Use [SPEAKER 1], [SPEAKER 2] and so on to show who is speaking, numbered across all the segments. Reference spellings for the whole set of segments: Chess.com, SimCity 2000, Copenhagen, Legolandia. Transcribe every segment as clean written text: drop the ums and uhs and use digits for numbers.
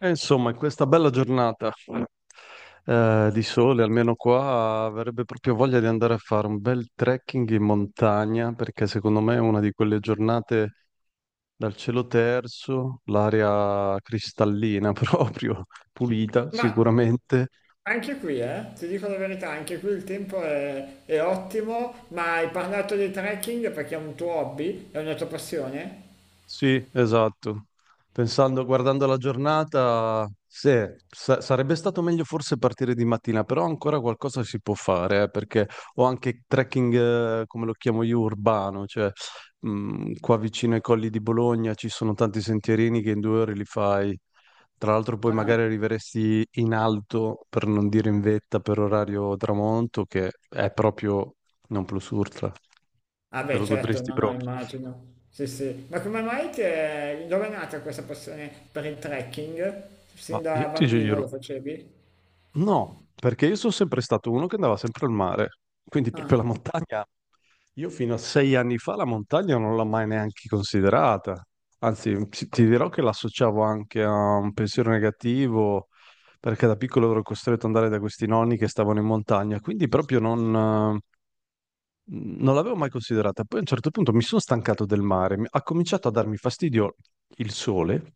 [SPEAKER 1] E insomma, in questa bella giornata di sole, almeno qua, avrebbe proprio voglia di andare a fare un bel trekking in montagna, perché secondo me è una di quelle giornate dal cielo terzo, l'aria cristallina proprio, pulita
[SPEAKER 2] Ma
[SPEAKER 1] sicuramente.
[SPEAKER 2] anche qui, ti dico la verità, anche qui il tempo è ottimo, ma hai parlato di trekking perché è un tuo hobby, è una tua passione?
[SPEAKER 1] Sì, esatto. Pensando, guardando la giornata, sì, sarebbe stato meglio forse partire di mattina, però ancora qualcosa si può fare, perché ho anche trekking, come lo chiamo io, urbano, cioè qua vicino ai colli di Bologna ci sono tanti sentierini che in 2 ore li fai. Tra l'altro poi magari
[SPEAKER 2] Ah,
[SPEAKER 1] arriveresti in alto, per non dire in vetta, per orario tramonto, che è proprio non plus ultra,
[SPEAKER 2] ah
[SPEAKER 1] te
[SPEAKER 2] beh,
[SPEAKER 1] lo
[SPEAKER 2] certo,
[SPEAKER 1] godresti
[SPEAKER 2] no, no,
[SPEAKER 1] proprio.
[SPEAKER 2] immagino. Sì, sì. Ma come mai dove è nata questa passione per il trekking?
[SPEAKER 1] Ma
[SPEAKER 2] Sin da
[SPEAKER 1] io ti
[SPEAKER 2] bambino lo
[SPEAKER 1] giuro,
[SPEAKER 2] facevi?
[SPEAKER 1] no, perché io sono sempre stato uno che andava sempre al mare, quindi proprio la
[SPEAKER 2] Ah,
[SPEAKER 1] montagna. Io fino a 6 anni fa la montagna non l'ho mai neanche considerata. Anzi, ti dirò che l'associavo anche a un pensiero negativo, perché da piccolo ero costretto ad andare da questi nonni che stavano in montagna, quindi proprio non l'avevo mai considerata. Poi a un certo punto mi sono stancato del mare, ha cominciato a darmi fastidio il sole,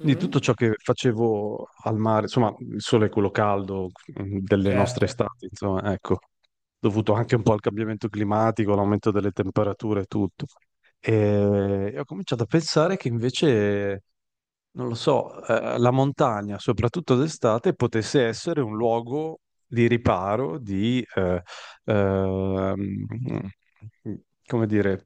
[SPEAKER 1] quindi tutto
[SPEAKER 2] mm?
[SPEAKER 1] ciò che facevo al mare, insomma, il sole è quello caldo delle nostre
[SPEAKER 2] Certo.
[SPEAKER 1] estati, insomma, ecco, dovuto anche un po' al cambiamento climatico, all'aumento delle temperature e tutto. E ho cominciato a pensare che invece, non lo so, la montagna, soprattutto d'estate, potesse essere un luogo di riparo, ehm, come dire,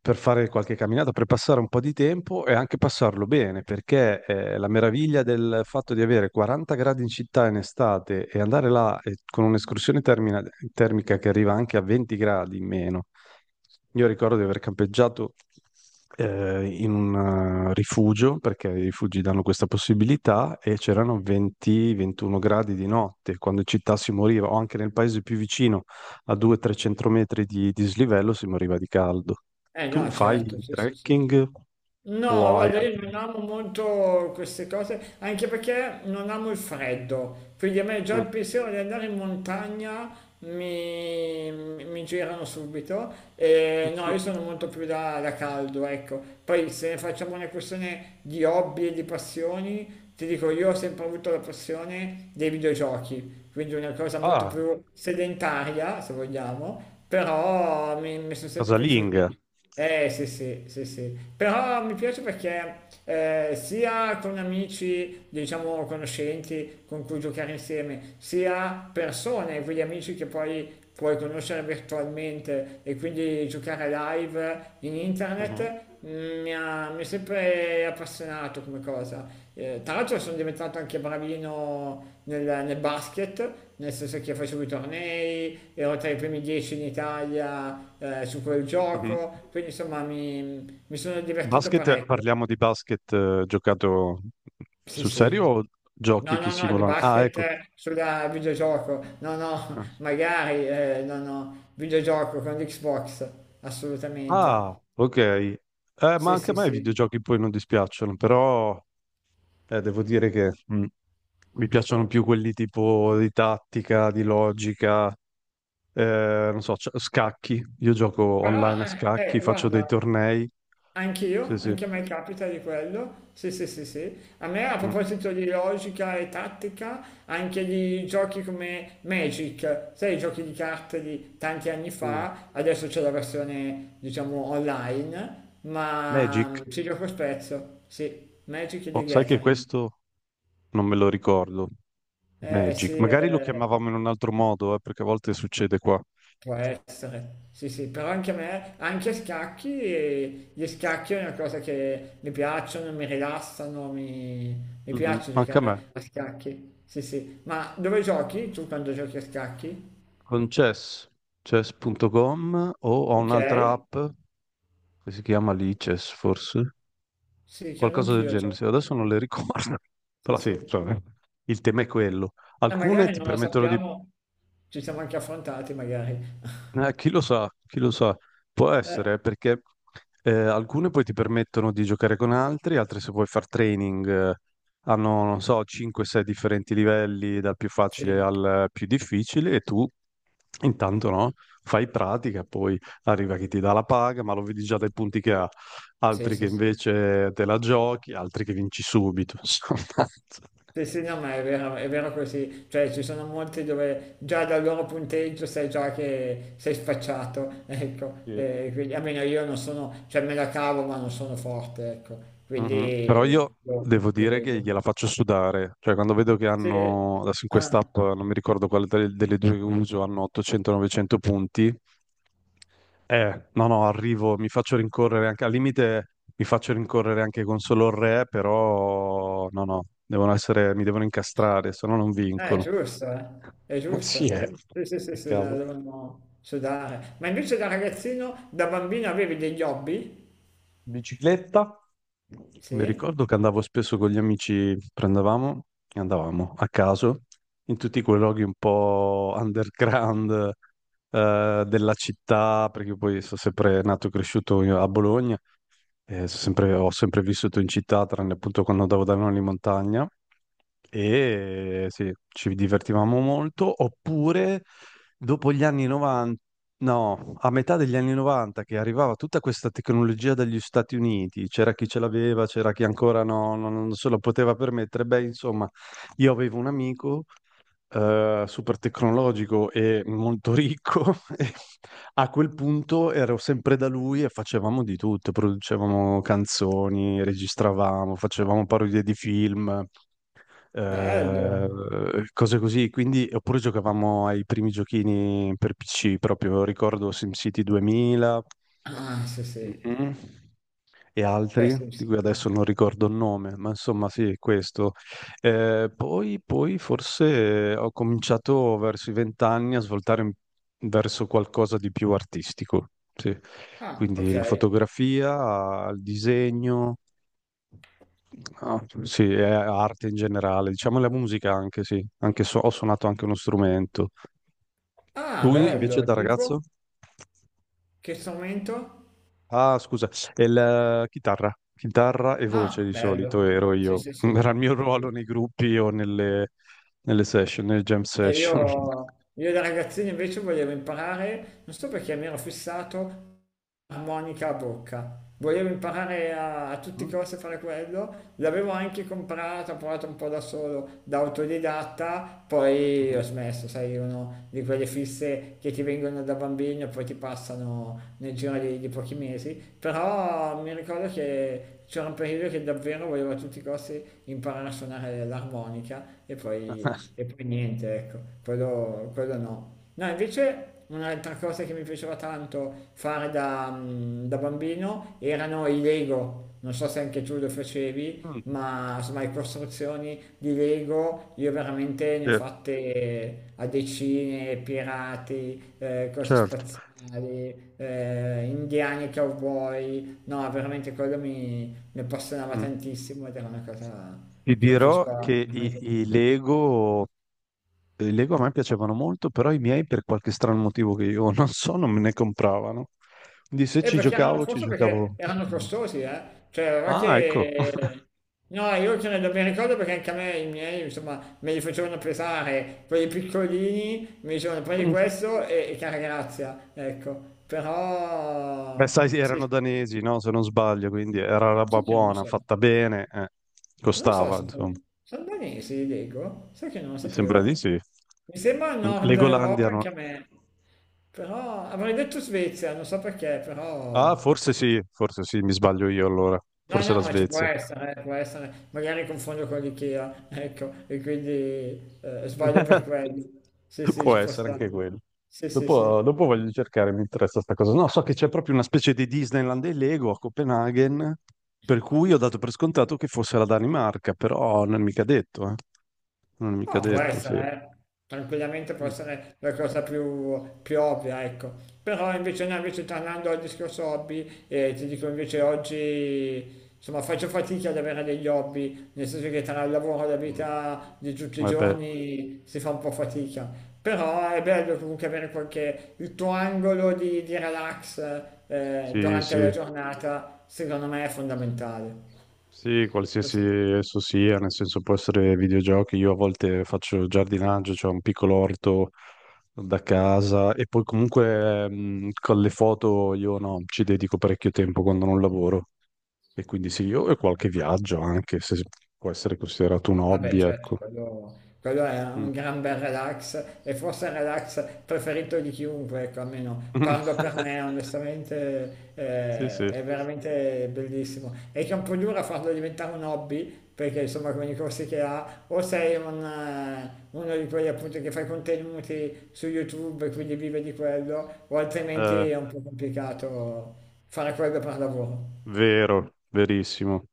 [SPEAKER 1] per fare qualche camminata, per passare un po' di tempo e anche passarlo bene, perché la meraviglia del fatto di avere 40 gradi in città in estate e andare là con un'escursione termica che arriva anche a 20 gradi in meno. Io ricordo di aver campeggiato in un rifugio, perché i rifugi danno questa possibilità, e c'erano 20-21 gradi di notte, quando in città si moriva, o anche nel paese più vicino, a 200-300 metri di dislivello si moriva di caldo.
[SPEAKER 2] Eh
[SPEAKER 1] Tu
[SPEAKER 2] no, certo,
[SPEAKER 1] fai
[SPEAKER 2] sì, sì, sì.
[SPEAKER 1] trekking
[SPEAKER 2] No,
[SPEAKER 1] o hai
[SPEAKER 2] guarda, io
[SPEAKER 1] altri...
[SPEAKER 2] non amo molto queste cose, anche perché non amo il freddo, quindi a me già
[SPEAKER 1] Mm.
[SPEAKER 2] il pensiero di andare in montagna mi girano subito. E no, io sono molto più da caldo, ecco. Poi se ne facciamo una questione di hobby e di passioni, ti dico, io ho sempre avuto la passione dei videogiochi, quindi una cosa molto
[SPEAKER 1] Ah,
[SPEAKER 2] più sedentaria, se vogliamo, però mi sono sempre
[SPEAKER 1] casalinga.
[SPEAKER 2] piaciuti. Eh sì, sì, sì, sì, però mi piace perché sia con amici, diciamo conoscenti con cui giocare insieme, sia persone, quegli amici che poi puoi conoscere virtualmente e quindi giocare live in internet,
[SPEAKER 1] Mhm.
[SPEAKER 2] mi è sempre appassionato come cosa. Tra l'altro sono diventato anche bravino nel basket, nel senso che facevo i tornei, ero tra i primi 10 in Italia su quel
[SPEAKER 1] Mhm.
[SPEAKER 2] gioco, quindi insomma mi sono divertito
[SPEAKER 1] Basket,
[SPEAKER 2] parecchio.
[SPEAKER 1] parliamo di basket giocato
[SPEAKER 2] Sì,
[SPEAKER 1] sul serio
[SPEAKER 2] sì.
[SPEAKER 1] o giochi
[SPEAKER 2] No,
[SPEAKER 1] che
[SPEAKER 2] no, no, di
[SPEAKER 1] simulano? Ah,
[SPEAKER 2] basket
[SPEAKER 1] ecco.
[SPEAKER 2] sulla videogioco, no, no,
[SPEAKER 1] Ah,
[SPEAKER 2] magari, no, no, videogioco con l'Xbox,
[SPEAKER 1] ah,
[SPEAKER 2] assolutamente.
[SPEAKER 1] ok. Ma
[SPEAKER 2] Sì,
[SPEAKER 1] anche a
[SPEAKER 2] sì,
[SPEAKER 1] me i
[SPEAKER 2] sì.
[SPEAKER 1] videogiochi poi non dispiacciono, però devo dire che mi piacciono più quelli tipo di tattica, di logica. Non so, scacchi. Io gioco
[SPEAKER 2] Però,
[SPEAKER 1] online a scacchi, faccio dei
[SPEAKER 2] guarda.
[SPEAKER 1] tornei. Sì,
[SPEAKER 2] Anch'io,
[SPEAKER 1] sì.
[SPEAKER 2] anche a me capita di quello, sì sì sì sì, a me a
[SPEAKER 1] Mm.
[SPEAKER 2] proposito di logica e tattica, anche di giochi come Magic, sai i giochi di carte di tanti anni
[SPEAKER 1] Mm.
[SPEAKER 2] fa, adesso c'è la versione diciamo online, ma
[SPEAKER 1] Magic?
[SPEAKER 2] ci gioco spesso, sì, Magic e The
[SPEAKER 1] Oh, sai che
[SPEAKER 2] Gathering,
[SPEAKER 1] questo non me lo ricordo.
[SPEAKER 2] eh sì,
[SPEAKER 1] Magic. Magari lo
[SPEAKER 2] eh.
[SPEAKER 1] chiamavamo in un altro modo, perché a volte succede qua.
[SPEAKER 2] Può essere, sì sì, però anche a me, anche a scacchi, gli scacchi è una cosa che mi piacciono, mi rilassano, mi
[SPEAKER 1] Mhm.
[SPEAKER 2] piace
[SPEAKER 1] Anche a me.
[SPEAKER 2] giocare a scacchi, sì sì, ma dove giochi tu quando giochi a scacchi?
[SPEAKER 1] Con Chess. Chess.com o ho
[SPEAKER 2] Ok,
[SPEAKER 1] un'altra app che si chiama lì Chess, forse.
[SPEAKER 2] sì, credo
[SPEAKER 1] Qualcosa del
[SPEAKER 2] anch'io, cioè,
[SPEAKER 1] genere. Sì, adesso non le ricordo.
[SPEAKER 2] sì
[SPEAKER 1] Però sì,
[SPEAKER 2] sì, e
[SPEAKER 1] insomma, il tema è quello. Alcune
[SPEAKER 2] magari
[SPEAKER 1] ti
[SPEAKER 2] non lo
[SPEAKER 1] permettono di...
[SPEAKER 2] sappiamo, ci siamo anche affrontati magari,
[SPEAKER 1] Chi lo sa, può
[SPEAKER 2] eh,
[SPEAKER 1] essere perché alcune poi ti permettono di giocare con altri, altre se vuoi far training hanno, non so, 5-6 differenti livelli, dal più facile
[SPEAKER 2] sì,
[SPEAKER 1] al più difficile e tu intanto no, fai pratica, poi arriva chi ti dà la paga, ma lo vedi già dai punti che ha,
[SPEAKER 2] sì
[SPEAKER 1] altri che
[SPEAKER 2] sì sì,
[SPEAKER 1] invece te la giochi, altri che vinci subito, insomma.
[SPEAKER 2] Sì, sì, no, ma è vero così, cioè ci sono molti dove già dal loro punteggio sai già che sei spacciato, ecco,
[SPEAKER 1] Sì.
[SPEAKER 2] e quindi almeno io non sono, cioè me la cavo ma non sono forte, ecco,
[SPEAKER 1] Mhm. Però io
[SPEAKER 2] quindi lo,
[SPEAKER 1] devo
[SPEAKER 2] lo
[SPEAKER 1] dire che
[SPEAKER 2] vedo.
[SPEAKER 1] gliela faccio sudare, cioè quando vedo che
[SPEAKER 2] Sì,
[SPEAKER 1] hanno, adesso in quest'app,
[SPEAKER 2] ah,
[SPEAKER 1] non mi ricordo quale delle due che uso, hanno 800-900 punti, no no, arrivo, mi faccio rincorrere anche, al limite mi faccio rincorrere anche con solo il re, però no no, devono essere, mi devono incastrare, se no non
[SPEAKER 2] eh, è
[SPEAKER 1] vincono.
[SPEAKER 2] giusto, eh, è
[SPEAKER 1] Sì,
[SPEAKER 2] giusto,
[SPEAKER 1] eh.
[SPEAKER 2] sì, sì, sì,
[SPEAKER 1] Che
[SPEAKER 2] sì, la
[SPEAKER 1] cavolo.
[SPEAKER 2] devono sudare. Ma invece da ragazzino, da bambino avevi degli hobby?
[SPEAKER 1] Mi
[SPEAKER 2] Sì,
[SPEAKER 1] ricordo che andavo spesso con gli amici, prendevamo e andavamo a caso in tutti quei luoghi un po' underground della città, perché poi sono sempre nato e cresciuto io a Bologna, e ho sempre vissuto in città, tranne appunto quando andavo da nonni in montagna, e sì, ci divertivamo molto, oppure dopo gli anni 90. No, a metà degli anni 90 che arrivava tutta questa tecnologia dagli Stati Uniti, c'era chi ce l'aveva, c'era chi ancora no, non se lo poteva permettere. Beh, insomma, io avevo un amico super tecnologico e molto ricco e a quel punto ero sempre da lui e facevamo di tutto, producevamo canzoni, registravamo, facevamo parodie di film
[SPEAKER 2] bello.
[SPEAKER 1] eh, cose così. Quindi, oppure giocavamo ai primi giochini per PC, proprio ricordo SimCity 2000
[SPEAKER 2] Ah, sì, sì.
[SPEAKER 1] mm, e
[SPEAKER 2] Beh,
[SPEAKER 1] altri,
[SPEAKER 2] sì,
[SPEAKER 1] di
[SPEAKER 2] sì.
[SPEAKER 1] cui
[SPEAKER 2] Sì.
[SPEAKER 1] adesso non ricordo il nome, ma insomma sì, questo. Poi, forse ho cominciato verso i vent'anni a svoltare verso qualcosa di più artistico, sì.
[SPEAKER 2] Ah,
[SPEAKER 1] Quindi
[SPEAKER 2] ok.
[SPEAKER 1] la fotografia, il disegno. Ah, sì, è arte in generale, diciamo la musica anche, sì, anche ho suonato anche uno strumento.
[SPEAKER 2] Ah,
[SPEAKER 1] Tu invece
[SPEAKER 2] bello,
[SPEAKER 1] da ragazzo?
[SPEAKER 2] tipo? Che strumento?
[SPEAKER 1] Ah, scusa, è la chitarra, chitarra e voce
[SPEAKER 2] Ah,
[SPEAKER 1] di
[SPEAKER 2] bello.
[SPEAKER 1] solito ero
[SPEAKER 2] Sì,
[SPEAKER 1] io,
[SPEAKER 2] sì, sì.
[SPEAKER 1] era il mio ruolo nei gruppi o nelle, session, nelle jam
[SPEAKER 2] E
[SPEAKER 1] session.
[SPEAKER 2] io, io da ragazzino invece volevo imparare, non so perché mi ero fissato, armonica a bocca. Volevo imparare a tutti i
[SPEAKER 1] Mm,
[SPEAKER 2] costi a fare quello, l'avevo anche comprata, ho provato un po' da solo, da autodidatta, poi ho
[SPEAKER 1] mhm.
[SPEAKER 2] smesso, sai, uno di quelle fisse che ti vengono da bambino e poi ti passano nel giro di pochi mesi, però mi ricordo che c'era un periodo che davvero volevo a tutti i costi imparare a suonare l'armonica e poi niente, ecco, quello no. No, invece un'altra cosa che mi piaceva tanto fare da bambino erano i Lego. Non so se anche tu lo facevi,
[SPEAKER 1] Mm,
[SPEAKER 2] ma insomma le costruzioni di Lego io veramente ne
[SPEAKER 1] sì,
[SPEAKER 2] ho fatte a decine, pirati, cose
[SPEAKER 1] certo.
[SPEAKER 2] spaziali, indiani e cowboy. No, veramente quello mi appassionava
[SPEAKER 1] Mm.
[SPEAKER 2] tantissimo ed era una cosa
[SPEAKER 1] Ti
[SPEAKER 2] che mi
[SPEAKER 1] dirò
[SPEAKER 2] piaceva
[SPEAKER 1] che i,
[SPEAKER 2] veramente
[SPEAKER 1] i
[SPEAKER 2] tanto.
[SPEAKER 1] Lego. I Lego a me piacevano molto, però i miei per qualche strano motivo che io non so, non me ne compravano. Quindi se
[SPEAKER 2] E
[SPEAKER 1] ci
[SPEAKER 2] perché erano,
[SPEAKER 1] giocavo, ci
[SPEAKER 2] forse perché
[SPEAKER 1] giocavo, con gli
[SPEAKER 2] erano
[SPEAKER 1] amici.
[SPEAKER 2] costosi, eh? Cioè, non è
[SPEAKER 1] Ah, ecco.
[SPEAKER 2] che... No, io ce ne do ben ricordo perché anche a me i miei, insomma, me li facevano pesare, quelli piccolini, mi dicevano prendi questo e cara grazia, ecco.
[SPEAKER 1] Beh,
[SPEAKER 2] Però...
[SPEAKER 1] sai,
[SPEAKER 2] Sì,
[SPEAKER 1] erano
[SPEAKER 2] sì.
[SPEAKER 1] danesi, no? Se non sbaglio, quindi era roba
[SPEAKER 2] Sai che non lo
[SPEAKER 1] buona,
[SPEAKER 2] so.
[SPEAKER 1] fatta bene, eh.
[SPEAKER 2] Non lo so
[SPEAKER 1] Costava,
[SPEAKER 2] se sono,
[SPEAKER 1] insomma.
[SPEAKER 2] sono danesi, li leggo, sai che non lo
[SPEAKER 1] Mi sembra di
[SPEAKER 2] sapevo.
[SPEAKER 1] sì.
[SPEAKER 2] Mi sembra Nord
[SPEAKER 1] Legolandia
[SPEAKER 2] Europa
[SPEAKER 1] no.
[SPEAKER 2] anche a me, però avrei detto Svezia, non so perché,
[SPEAKER 1] Ah,
[SPEAKER 2] però
[SPEAKER 1] forse sì, mi sbaglio io allora.
[SPEAKER 2] No,
[SPEAKER 1] Forse
[SPEAKER 2] no,
[SPEAKER 1] la
[SPEAKER 2] ma ci può
[SPEAKER 1] Svezia.
[SPEAKER 2] essere, può essere. Magari confondo con l'IKEA, ecco, e quindi sbaglio per quello. Sì, sì,
[SPEAKER 1] Può
[SPEAKER 2] ci può
[SPEAKER 1] essere
[SPEAKER 2] stare.
[SPEAKER 1] anche quello.
[SPEAKER 2] Sì, sì,
[SPEAKER 1] Dopo,
[SPEAKER 2] sì.
[SPEAKER 1] dopo voglio cercare, mi interessa sta cosa. No, so che c'è proprio una specie di Disneyland dei Lego a Copenaghen, per cui ho dato per scontato che fosse la Danimarca, però non è mica detto, eh. Non è mica
[SPEAKER 2] No, può
[SPEAKER 1] detto, sì.
[SPEAKER 2] essere, eh. Tranquillamente può
[SPEAKER 1] Mm.
[SPEAKER 2] essere la cosa più ovvia, ecco. Però invece, no, invece tornando al discorso hobby, ti dico invece oggi, insomma, faccio fatica ad avere degli hobby, nel senso che tra il lavoro e la
[SPEAKER 1] Mm.
[SPEAKER 2] vita di tutti i
[SPEAKER 1] Eh beh,
[SPEAKER 2] giorni si fa un po' fatica. Però è bello comunque avere qualche, il tuo angolo di relax,
[SPEAKER 1] sì,
[SPEAKER 2] durante la
[SPEAKER 1] sì.
[SPEAKER 2] giornata, secondo me è fondamentale.
[SPEAKER 1] Sì, qualsiasi
[SPEAKER 2] Così.
[SPEAKER 1] esso sia, nel senso può essere videogiochi, io a volte faccio giardinaggio, cioè un piccolo orto da casa e poi comunque con le foto io no, ci dedico parecchio tempo quando non lavoro e quindi sì, io e qualche viaggio anche, se può essere considerato un
[SPEAKER 2] Vabbè,
[SPEAKER 1] hobby,
[SPEAKER 2] certo,
[SPEAKER 1] ecco.
[SPEAKER 2] quello è
[SPEAKER 1] Mm.
[SPEAKER 2] un gran bel relax e forse il relax preferito di chiunque, ecco, almeno parlo per me, onestamente
[SPEAKER 1] Sì, sì.
[SPEAKER 2] è veramente bellissimo. È che è un po' dura farlo diventare un hobby, perché insomma con i corsi che ha, o sei uno di quelli appunto che fa i contenuti su YouTube e quindi vive di quello, o altrimenti
[SPEAKER 1] Eh,
[SPEAKER 2] è un po' complicato fare quello per lavoro.
[SPEAKER 1] vero, verissimo.